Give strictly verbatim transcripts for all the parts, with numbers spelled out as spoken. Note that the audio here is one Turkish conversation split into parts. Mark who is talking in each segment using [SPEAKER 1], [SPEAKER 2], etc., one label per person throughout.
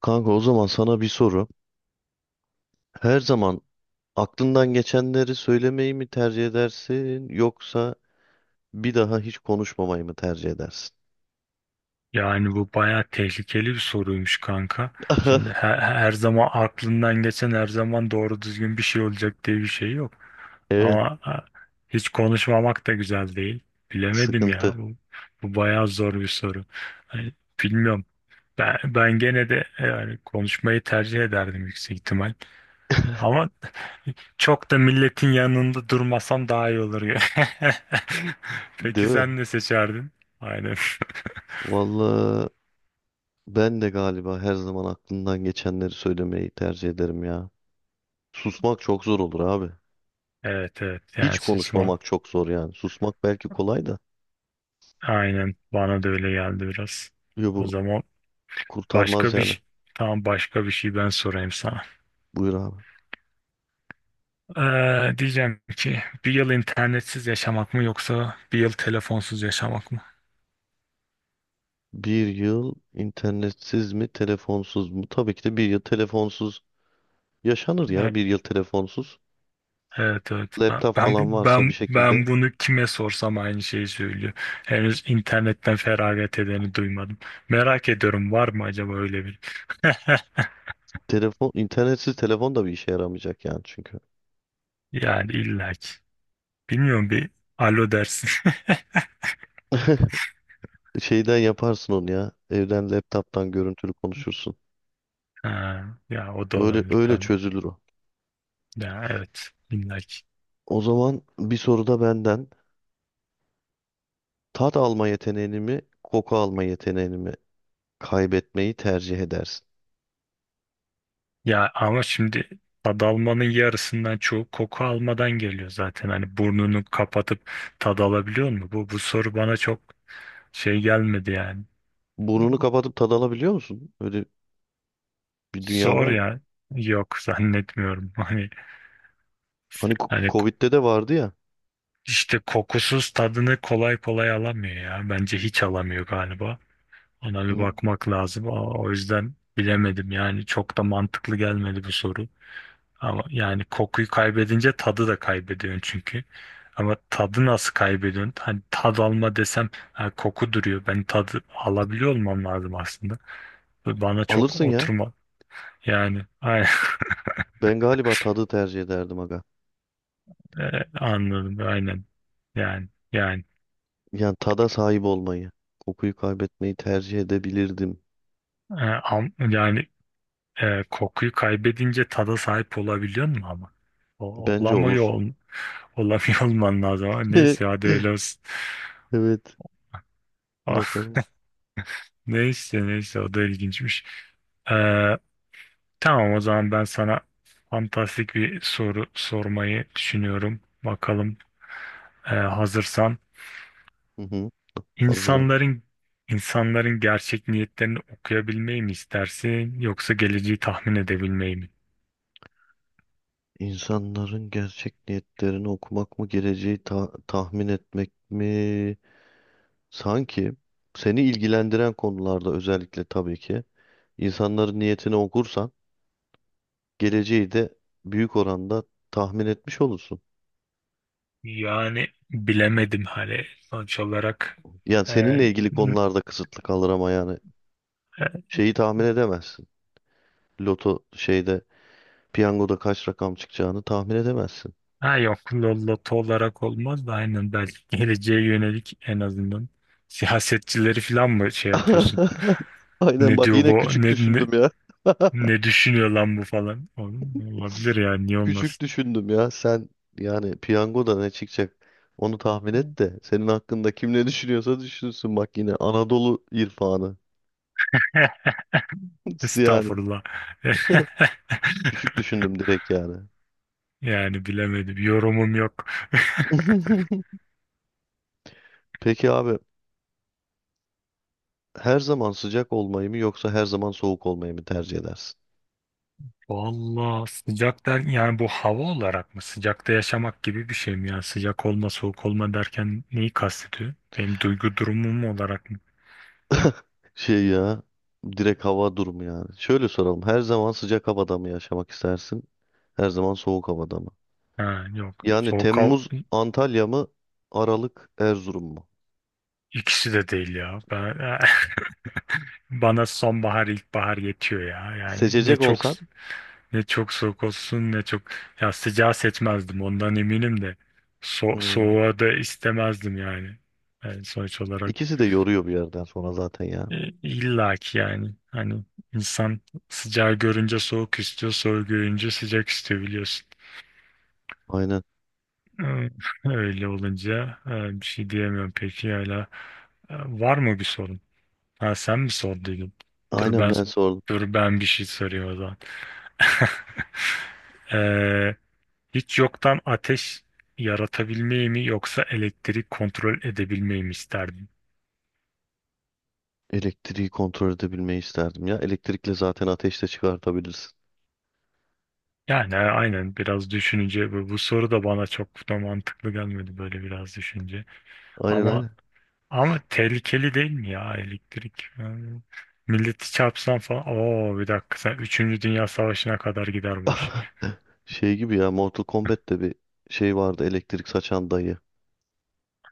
[SPEAKER 1] Kanka, o zaman sana bir soru. Her zaman aklından geçenleri söylemeyi mi tercih edersin, yoksa bir daha hiç konuşmamayı mı tercih edersin?
[SPEAKER 2] Yani bu bayağı tehlikeli bir soruymuş kanka. Şimdi her, her zaman aklından geçen her zaman doğru düzgün bir şey olacak diye bir şey yok.
[SPEAKER 1] Evet,
[SPEAKER 2] Ama ha, hiç konuşmamak da güzel değil. Bilemedim ya.
[SPEAKER 1] sıkıntı,
[SPEAKER 2] Bu, bu bayağı zor bir soru. Hani bilmiyorum. Ben, ben gene de e, yani konuşmayı tercih ederdim yüksek ihtimal. Ama çok da milletin yanında durmasam daha iyi olur ya. Peki
[SPEAKER 1] değil mi?
[SPEAKER 2] sen ne seçerdin? Aynen.
[SPEAKER 1] Vallahi ben de galiba her zaman aklından geçenleri söylemeyi tercih ederim ya. Susmak çok zor olur abi.
[SPEAKER 2] Evet, evet,
[SPEAKER 1] Hiç
[SPEAKER 2] yersiz var.
[SPEAKER 1] konuşmamak çok zor yani. Susmak belki kolay da.
[SPEAKER 2] Aynen bana da öyle geldi biraz.
[SPEAKER 1] Yo,
[SPEAKER 2] O
[SPEAKER 1] bu
[SPEAKER 2] zaman
[SPEAKER 1] kurtarmaz
[SPEAKER 2] başka bir
[SPEAKER 1] yani.
[SPEAKER 2] ş- tamam, başka bir şey ben sorayım sana.
[SPEAKER 1] Buyur abi.
[SPEAKER 2] Ee, diyeceğim ki bir yıl internetsiz yaşamak mı yoksa bir yıl telefonsuz yaşamak mı?
[SPEAKER 1] Bir yıl internetsiz mi, telefonsuz mu? Tabii ki de bir yıl telefonsuz. Yaşanır ya
[SPEAKER 2] E-
[SPEAKER 1] bir yıl telefonsuz.
[SPEAKER 2] Evet, evet,
[SPEAKER 1] Laptop
[SPEAKER 2] ben ben
[SPEAKER 1] falan
[SPEAKER 2] bu
[SPEAKER 1] varsa bir
[SPEAKER 2] ben
[SPEAKER 1] şekilde.
[SPEAKER 2] ben bunu kime sorsam aynı şeyi söylüyor. Henüz internetten feragat edeni duymadım. Merak ediyorum, var mı acaba öyle bir?
[SPEAKER 1] Telefon, internetsiz telefon da bir işe yaramayacak yani, çünkü.
[SPEAKER 2] Yani illaki. Bilmiyorum, bir alo dersin.
[SPEAKER 1] Şeyden yaparsın onu ya. Evden laptop'tan görüntülü konuşursun.
[SPEAKER 2] Ha, ya o da
[SPEAKER 1] Öyle
[SPEAKER 2] olabilir
[SPEAKER 1] öyle
[SPEAKER 2] tabii.
[SPEAKER 1] çözülür o.
[SPEAKER 2] Ya evet, illaki.
[SPEAKER 1] O zaman bir soru da benden. Tat alma yeteneğini mi, koku alma yeteneğini mi kaybetmeyi tercih edersin?
[SPEAKER 2] Ya ama şimdi tad almanın yarısından çoğu koku almadan geliyor zaten. Hani burnunu kapatıp tad alabiliyor mu? Bu, bu soru bana çok şey gelmedi yani.
[SPEAKER 1] Burnunu kapatıp tad alabiliyor musun? Öyle bir dünya
[SPEAKER 2] Zor
[SPEAKER 1] var mı?
[SPEAKER 2] ya. Yok, zannetmiyorum. Hani
[SPEAKER 1] Hani ko-
[SPEAKER 2] hani
[SPEAKER 1] Covid'de de vardı ya.
[SPEAKER 2] işte kokusuz tadını kolay kolay alamıyor ya. Bence hiç alamıyor galiba. Ona bir
[SPEAKER 1] Hı.
[SPEAKER 2] bakmak lazım. O o yüzden bilemedim yani, çok da mantıklı gelmedi bu soru. Ama yani kokuyu kaybedince tadı da kaybediyorsun çünkü. Ama tadı nasıl kaybediyorsun? Hani tad alma desem, ha, koku duruyor. Ben tadı alabiliyor olmam lazım aslında. Ve bana çok
[SPEAKER 1] Alırsın ya.
[SPEAKER 2] oturma. Yani aynen.
[SPEAKER 1] Ben galiba tadı tercih ederdim aga.
[SPEAKER 2] E, anladım, aynen. Yani yani
[SPEAKER 1] Yani tada sahip olmayı, kokuyu kaybetmeyi tercih edebilirdim.
[SPEAKER 2] e, am- yani e, kokuyu kaybedince tada sahip olabiliyor mu ama? O,
[SPEAKER 1] Bence
[SPEAKER 2] olamıyor,
[SPEAKER 1] olur.
[SPEAKER 2] ol, olamıyor olman lazım. Ama neyse, hadi öyle olsun.
[SPEAKER 1] Evet, bakalım.
[SPEAKER 2] Neyse neyse, o da ilginçmiş. E, Tamam, o zaman ben sana fantastik bir soru sormayı düşünüyorum. Bakalım, e, hazırsan.
[SPEAKER 1] Hı hı, hazırım.
[SPEAKER 2] İnsanların insanların gerçek niyetlerini okuyabilmeyi mi istersin yoksa geleceği tahmin edebilmeyi mi?
[SPEAKER 1] İnsanların gerçek niyetlerini okumak mı, geleceği ta- tahmin etmek mi? Sanki seni ilgilendiren konularda özellikle, tabii ki insanların niyetini okursan geleceği de büyük oranda tahmin etmiş olursun.
[SPEAKER 2] Yani bilemedim, hani sonuç olarak
[SPEAKER 1] Yani
[SPEAKER 2] e,
[SPEAKER 1] seninle ilgili
[SPEAKER 2] n-
[SPEAKER 1] konularda kısıtlı kalır ama yani
[SPEAKER 2] e,
[SPEAKER 1] şeyi tahmin edemezsin. Loto şeyde, piyangoda kaç rakam çıkacağını tahmin edemezsin.
[SPEAKER 2] ha yok, lo- loto olarak olmaz da aynen, belki geleceğe yönelik en azından siyasetçileri falan mı şey yapıyorsun?
[SPEAKER 1] Aynen,
[SPEAKER 2] Ne
[SPEAKER 1] bak
[SPEAKER 2] diyor
[SPEAKER 1] yine
[SPEAKER 2] bu?
[SPEAKER 1] küçük
[SPEAKER 2] Ne, ne-
[SPEAKER 1] düşündüm ya.
[SPEAKER 2] Ne düşünüyor lan bu falan. Oğlum, olabilir yani, niye
[SPEAKER 1] Küçük
[SPEAKER 2] olmasın.
[SPEAKER 1] düşündüm ya. Sen yani piyangoda ne çıkacak, onu tahmin et de senin hakkında kim ne düşünüyorsa düşünsün. Bak yine Anadolu irfanı. Yani
[SPEAKER 2] Estağfurullah.
[SPEAKER 1] küçük düşündüm direkt yani.
[SPEAKER 2] Yani bilemedim. Yorumum yok.
[SPEAKER 1] Peki abi, her zaman sıcak olmayı mı yoksa her zaman soğuk olmayı mı tercih edersin?
[SPEAKER 2] Vallahi sıcak der yani, bu hava olarak mı? Sıcakta yaşamak gibi bir şey mi? Yani sıcak olma soğuk olma derken neyi kastediyor? Benim duygu durumum olarak mı?
[SPEAKER 1] Şey ya, direkt hava durumu yani. Şöyle soralım. Her zaman sıcak havada mı yaşamak istersin? Her zaman soğuk havada mı?
[SPEAKER 2] Ha, yok.
[SPEAKER 1] Yani
[SPEAKER 2] Soğuk al
[SPEAKER 1] Temmuz Antalya mı? Aralık Erzurum mu?
[SPEAKER 2] ikisi de değil ya. Ben... Bana sonbahar ilkbahar yetiyor ya. Yani ne
[SPEAKER 1] Seçecek
[SPEAKER 2] çok
[SPEAKER 1] olsan.
[SPEAKER 2] Ne çok soğuk olsun, ne çok, ya sıcağı seçmezdim ondan eminim de so
[SPEAKER 1] Hmm,
[SPEAKER 2] soğuğa da istemezdim yani. Yani sonuç olarak
[SPEAKER 1] ikisi de yoruyor bir yerden sonra zaten ya.
[SPEAKER 2] e, illa ki yani, hani insan sıcağı görünce soğuk istiyor, soğuğu görünce sıcak istiyor, biliyorsun.
[SPEAKER 1] Aynen.
[SPEAKER 2] Ee, Öyle olunca e, bir şey diyemiyorum, peki hala e, var mı bir sorun? Ha, sen mi sorduydun? Dur
[SPEAKER 1] Aynen,
[SPEAKER 2] ben
[SPEAKER 1] ben sordum.
[SPEAKER 2] Dur ben bir şey soruyorum o zaman. Ee, Hiç yoktan ateş yaratabilmeyi mi yoksa elektrik kontrol edebilmeyi mi isterdin?
[SPEAKER 1] Elektriği kontrol edebilmeyi isterdim ya. Elektrikle zaten ateş de çıkartabilirsin.
[SPEAKER 2] Yani a- aynen, biraz düşününce bu, bu soru da bana çok da mantıklı gelmedi böyle, biraz düşünce.
[SPEAKER 1] Aynen
[SPEAKER 2] Ama
[SPEAKER 1] aynen.
[SPEAKER 2] Ama tehlikeli değil mi ya elektrik? Yani milleti çarpsan falan. Oo, bir dakika, sen üçüncü Dünya Savaşı'na kadar gider bu iş.
[SPEAKER 1] Şey gibi ya, Mortal Kombat'te bir şey vardı, elektrik saçan dayı.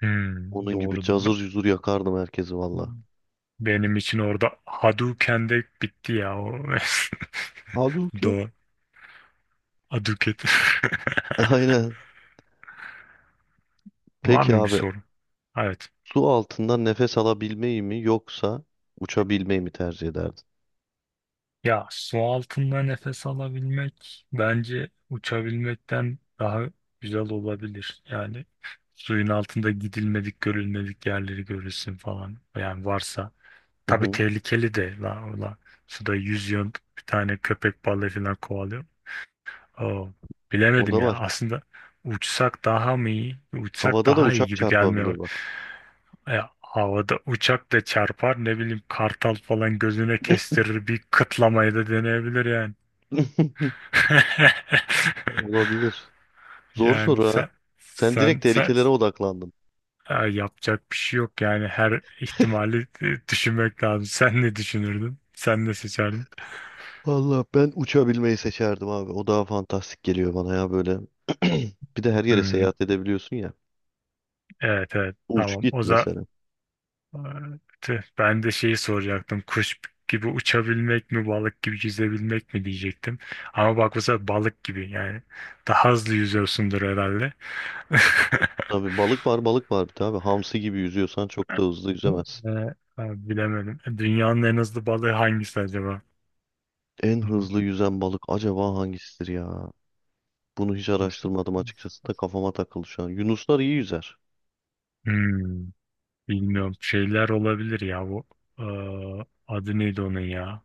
[SPEAKER 2] Hmm,
[SPEAKER 1] Onun gibi
[SPEAKER 2] doğrudur.
[SPEAKER 1] cazır
[SPEAKER 2] Be-
[SPEAKER 1] cuzur yakardım herkesi valla.
[SPEAKER 2] Benim için orada Hadouken de bitti ya. O.
[SPEAKER 1] Halbuki ya.
[SPEAKER 2] Doğru. Hadouken.
[SPEAKER 1] E, Aynen.
[SPEAKER 2] Var
[SPEAKER 1] Peki
[SPEAKER 2] mı bir
[SPEAKER 1] abi,
[SPEAKER 2] sorun? Evet.
[SPEAKER 1] su altından nefes alabilmeyi mi yoksa uçabilmeyi mi tercih ederdin?
[SPEAKER 2] Ya su altında nefes alabilmek bence uçabilmekten daha güzel olabilir. Yani suyun altında gidilmedik, görülmedik yerleri görürsün falan. Yani varsa.
[SPEAKER 1] Hı
[SPEAKER 2] Tabii
[SPEAKER 1] hı.
[SPEAKER 2] tehlikeli de la ola. Suda yüzüyorsun, bir tane köpek balığı falan kovalıyor. Oo,
[SPEAKER 1] O da
[SPEAKER 2] bilemedim ya.
[SPEAKER 1] var.
[SPEAKER 2] Aslında uçsak daha mı iyi? Uçsak
[SPEAKER 1] Havada da
[SPEAKER 2] daha iyi
[SPEAKER 1] uçak
[SPEAKER 2] gibi gelmeye...
[SPEAKER 1] çarpabilir bak.
[SPEAKER 2] E, havada uçak da çarpar, ne bileyim, kartal falan gözüne kestirir bir kıtlamayı da deneyebilir yani.
[SPEAKER 1] Olabilir. Zor
[SPEAKER 2] Yani
[SPEAKER 1] soru ha.
[SPEAKER 2] sen
[SPEAKER 1] Sen direkt
[SPEAKER 2] sen sen
[SPEAKER 1] tehlikelere odaklandın.
[SPEAKER 2] e, yapacak bir şey yok yani, her ihtimali e, düşünmek lazım. Sen ne düşünürdün? Sen ne seçerdin?
[SPEAKER 1] Valla ben uçabilmeyi seçerdim abi. O daha fantastik geliyor bana ya böyle. Bir de her yere
[SPEAKER 2] Hmm,
[SPEAKER 1] seyahat edebiliyorsun ya.
[SPEAKER 2] evet, evet,
[SPEAKER 1] Uç
[SPEAKER 2] tamam.
[SPEAKER 1] git
[SPEAKER 2] O.
[SPEAKER 1] mesela.
[SPEAKER 2] Aa, tüh, ben de şeyi soracaktım. Kuş gibi uçabilmek mi, balık gibi yüzebilmek mi diyecektim. Ama bak, bu sefer balık gibi yani. Daha hızlı yüzüyorsundur herhalde.
[SPEAKER 1] Tabii, balık var balık var bir de abi. Hamsi gibi yüzüyorsan çok da hızlı yüzemezsin.
[SPEAKER 2] Ee, e, Bilemedim. Dünyanın en hızlı balığı hangisi acaba?
[SPEAKER 1] En
[SPEAKER 2] Hmm,
[SPEAKER 1] hızlı yüzen balık acaba hangisidir ya? Bunu hiç araştırmadım açıkçası da kafama takıldı şu an. Yunuslar iyi yüzer.
[SPEAKER 2] hmm, bilmiyorum. Şeyler olabilir ya bu. Ee, Adı neydi onun ya?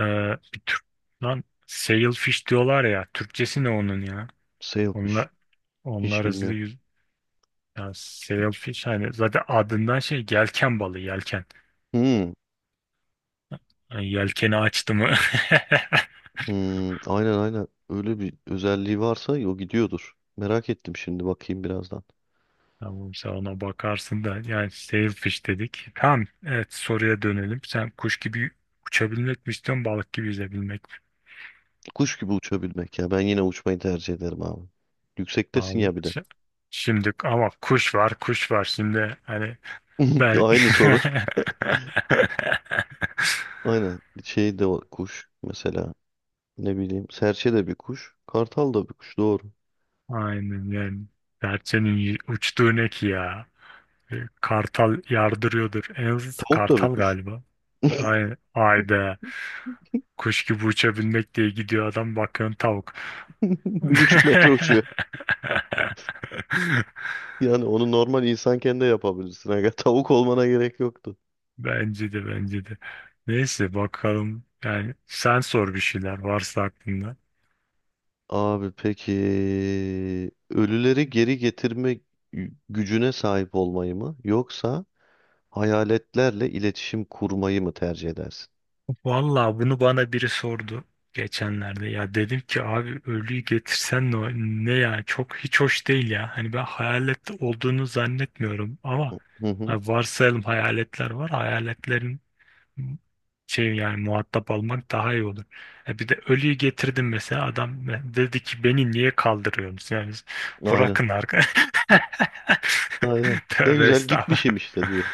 [SPEAKER 2] Ee, Bir tür... Lan sailfish diyorlar ya. Türkçesi ne onun ya?
[SPEAKER 1] Sailfish.
[SPEAKER 2] Onlar,
[SPEAKER 1] Hiç
[SPEAKER 2] Onlar hızlı
[SPEAKER 1] bilmiyorum.
[SPEAKER 2] yüz... Ya sailfish, hani zaten adından şey, yelken balığı, yelken.
[SPEAKER 1] Hmm,
[SPEAKER 2] Yani yelkeni açtı mı?
[SPEAKER 1] hmm, aynen aynen. Öyle bir özelliği varsa o gidiyordur. Merak ettim, şimdi bakayım birazdan.
[SPEAKER 2] Tamam, sen ona bakarsın da yani, sailfish dedik. Tamam, evet, soruya dönelim. Sen kuş gibi uçabilmek mi istiyorsun, balık gibi yüzebilmek mi?
[SPEAKER 1] Kuş gibi uçabilmek ya. Ben yine uçmayı tercih ederim abi. Yüksektesin
[SPEAKER 2] Vallahi
[SPEAKER 1] ya bir de.
[SPEAKER 2] şi- Şimdi ama kuş var kuş var şimdi, hani ben
[SPEAKER 1] Aynı soru. Aynen. Şey de var, kuş mesela. Ne bileyim. Serçe de bir kuş. Kartal da bir kuş. Doğru.
[SPEAKER 2] aynen yani, serçenin y- uçtuğu ne ki ya? E, Kartal yardırıyordur. En az
[SPEAKER 1] Tavuk da bir
[SPEAKER 2] kartal
[SPEAKER 1] kuş.
[SPEAKER 2] galiba. Aynen. Ayda. Kuş gibi uçabilmek diye gidiyor adam, bakıyorsun tavuk.
[SPEAKER 1] Bir buçuk metre uçuyor. Yani onu normal insanken de yapabilirsin aga. Tavuk olmana gerek yoktu.
[SPEAKER 2] Bence de bence de. Neyse, bakalım. Yani sen sor, bir şeyler varsa aklında.
[SPEAKER 1] Abi peki, ölüleri geri getirme gü- gücüne sahip olmayı mı yoksa hayaletlerle iletişim kurmayı mı tercih edersin?
[SPEAKER 2] Vallahi bunu bana biri sordu geçenlerde. Ya dedim ki abi, ölüyü getirsen ne, ne ya, çok hiç hoş değil ya. Hani ben hayalet olduğunu zannetmiyorum ama
[SPEAKER 1] Hı hı.
[SPEAKER 2] hani varsayalım hayaletler var. Hayaletlerin şey, yani muhatap almak daha iyi olur. E bir de ölüyü getirdim mesela, adam dedi ki beni niye kaldırıyorsunuz? Yani
[SPEAKER 1] Aynen.
[SPEAKER 2] bırakın arka.
[SPEAKER 1] Aynen. Ne
[SPEAKER 2] Tövbe
[SPEAKER 1] güzel
[SPEAKER 2] estağfurullah.
[SPEAKER 1] gitmişim işte diyor.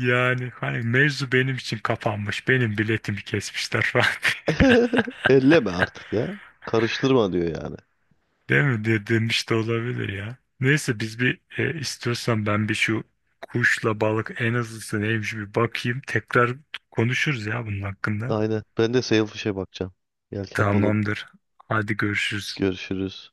[SPEAKER 2] Yani hani mevzu benim için kapanmış. Benim biletimi kesmişler falan.
[SPEAKER 1] Elleme artık ya. Karıştırma diyor yani.
[SPEAKER 2] Değil mi? De, demiş de olabilir ya. Neyse, biz bir, e, istiyorsan ben bir şu kuşla balık en azısı neymiş bir bakayım. Tekrar konuşuruz ya bunun hakkında.
[SPEAKER 1] Aynen. Ben de Sailfish'e bakacağım. Yelken balığına.
[SPEAKER 2] Tamamdır. Hadi, görüşürüz.
[SPEAKER 1] Görüşürüz.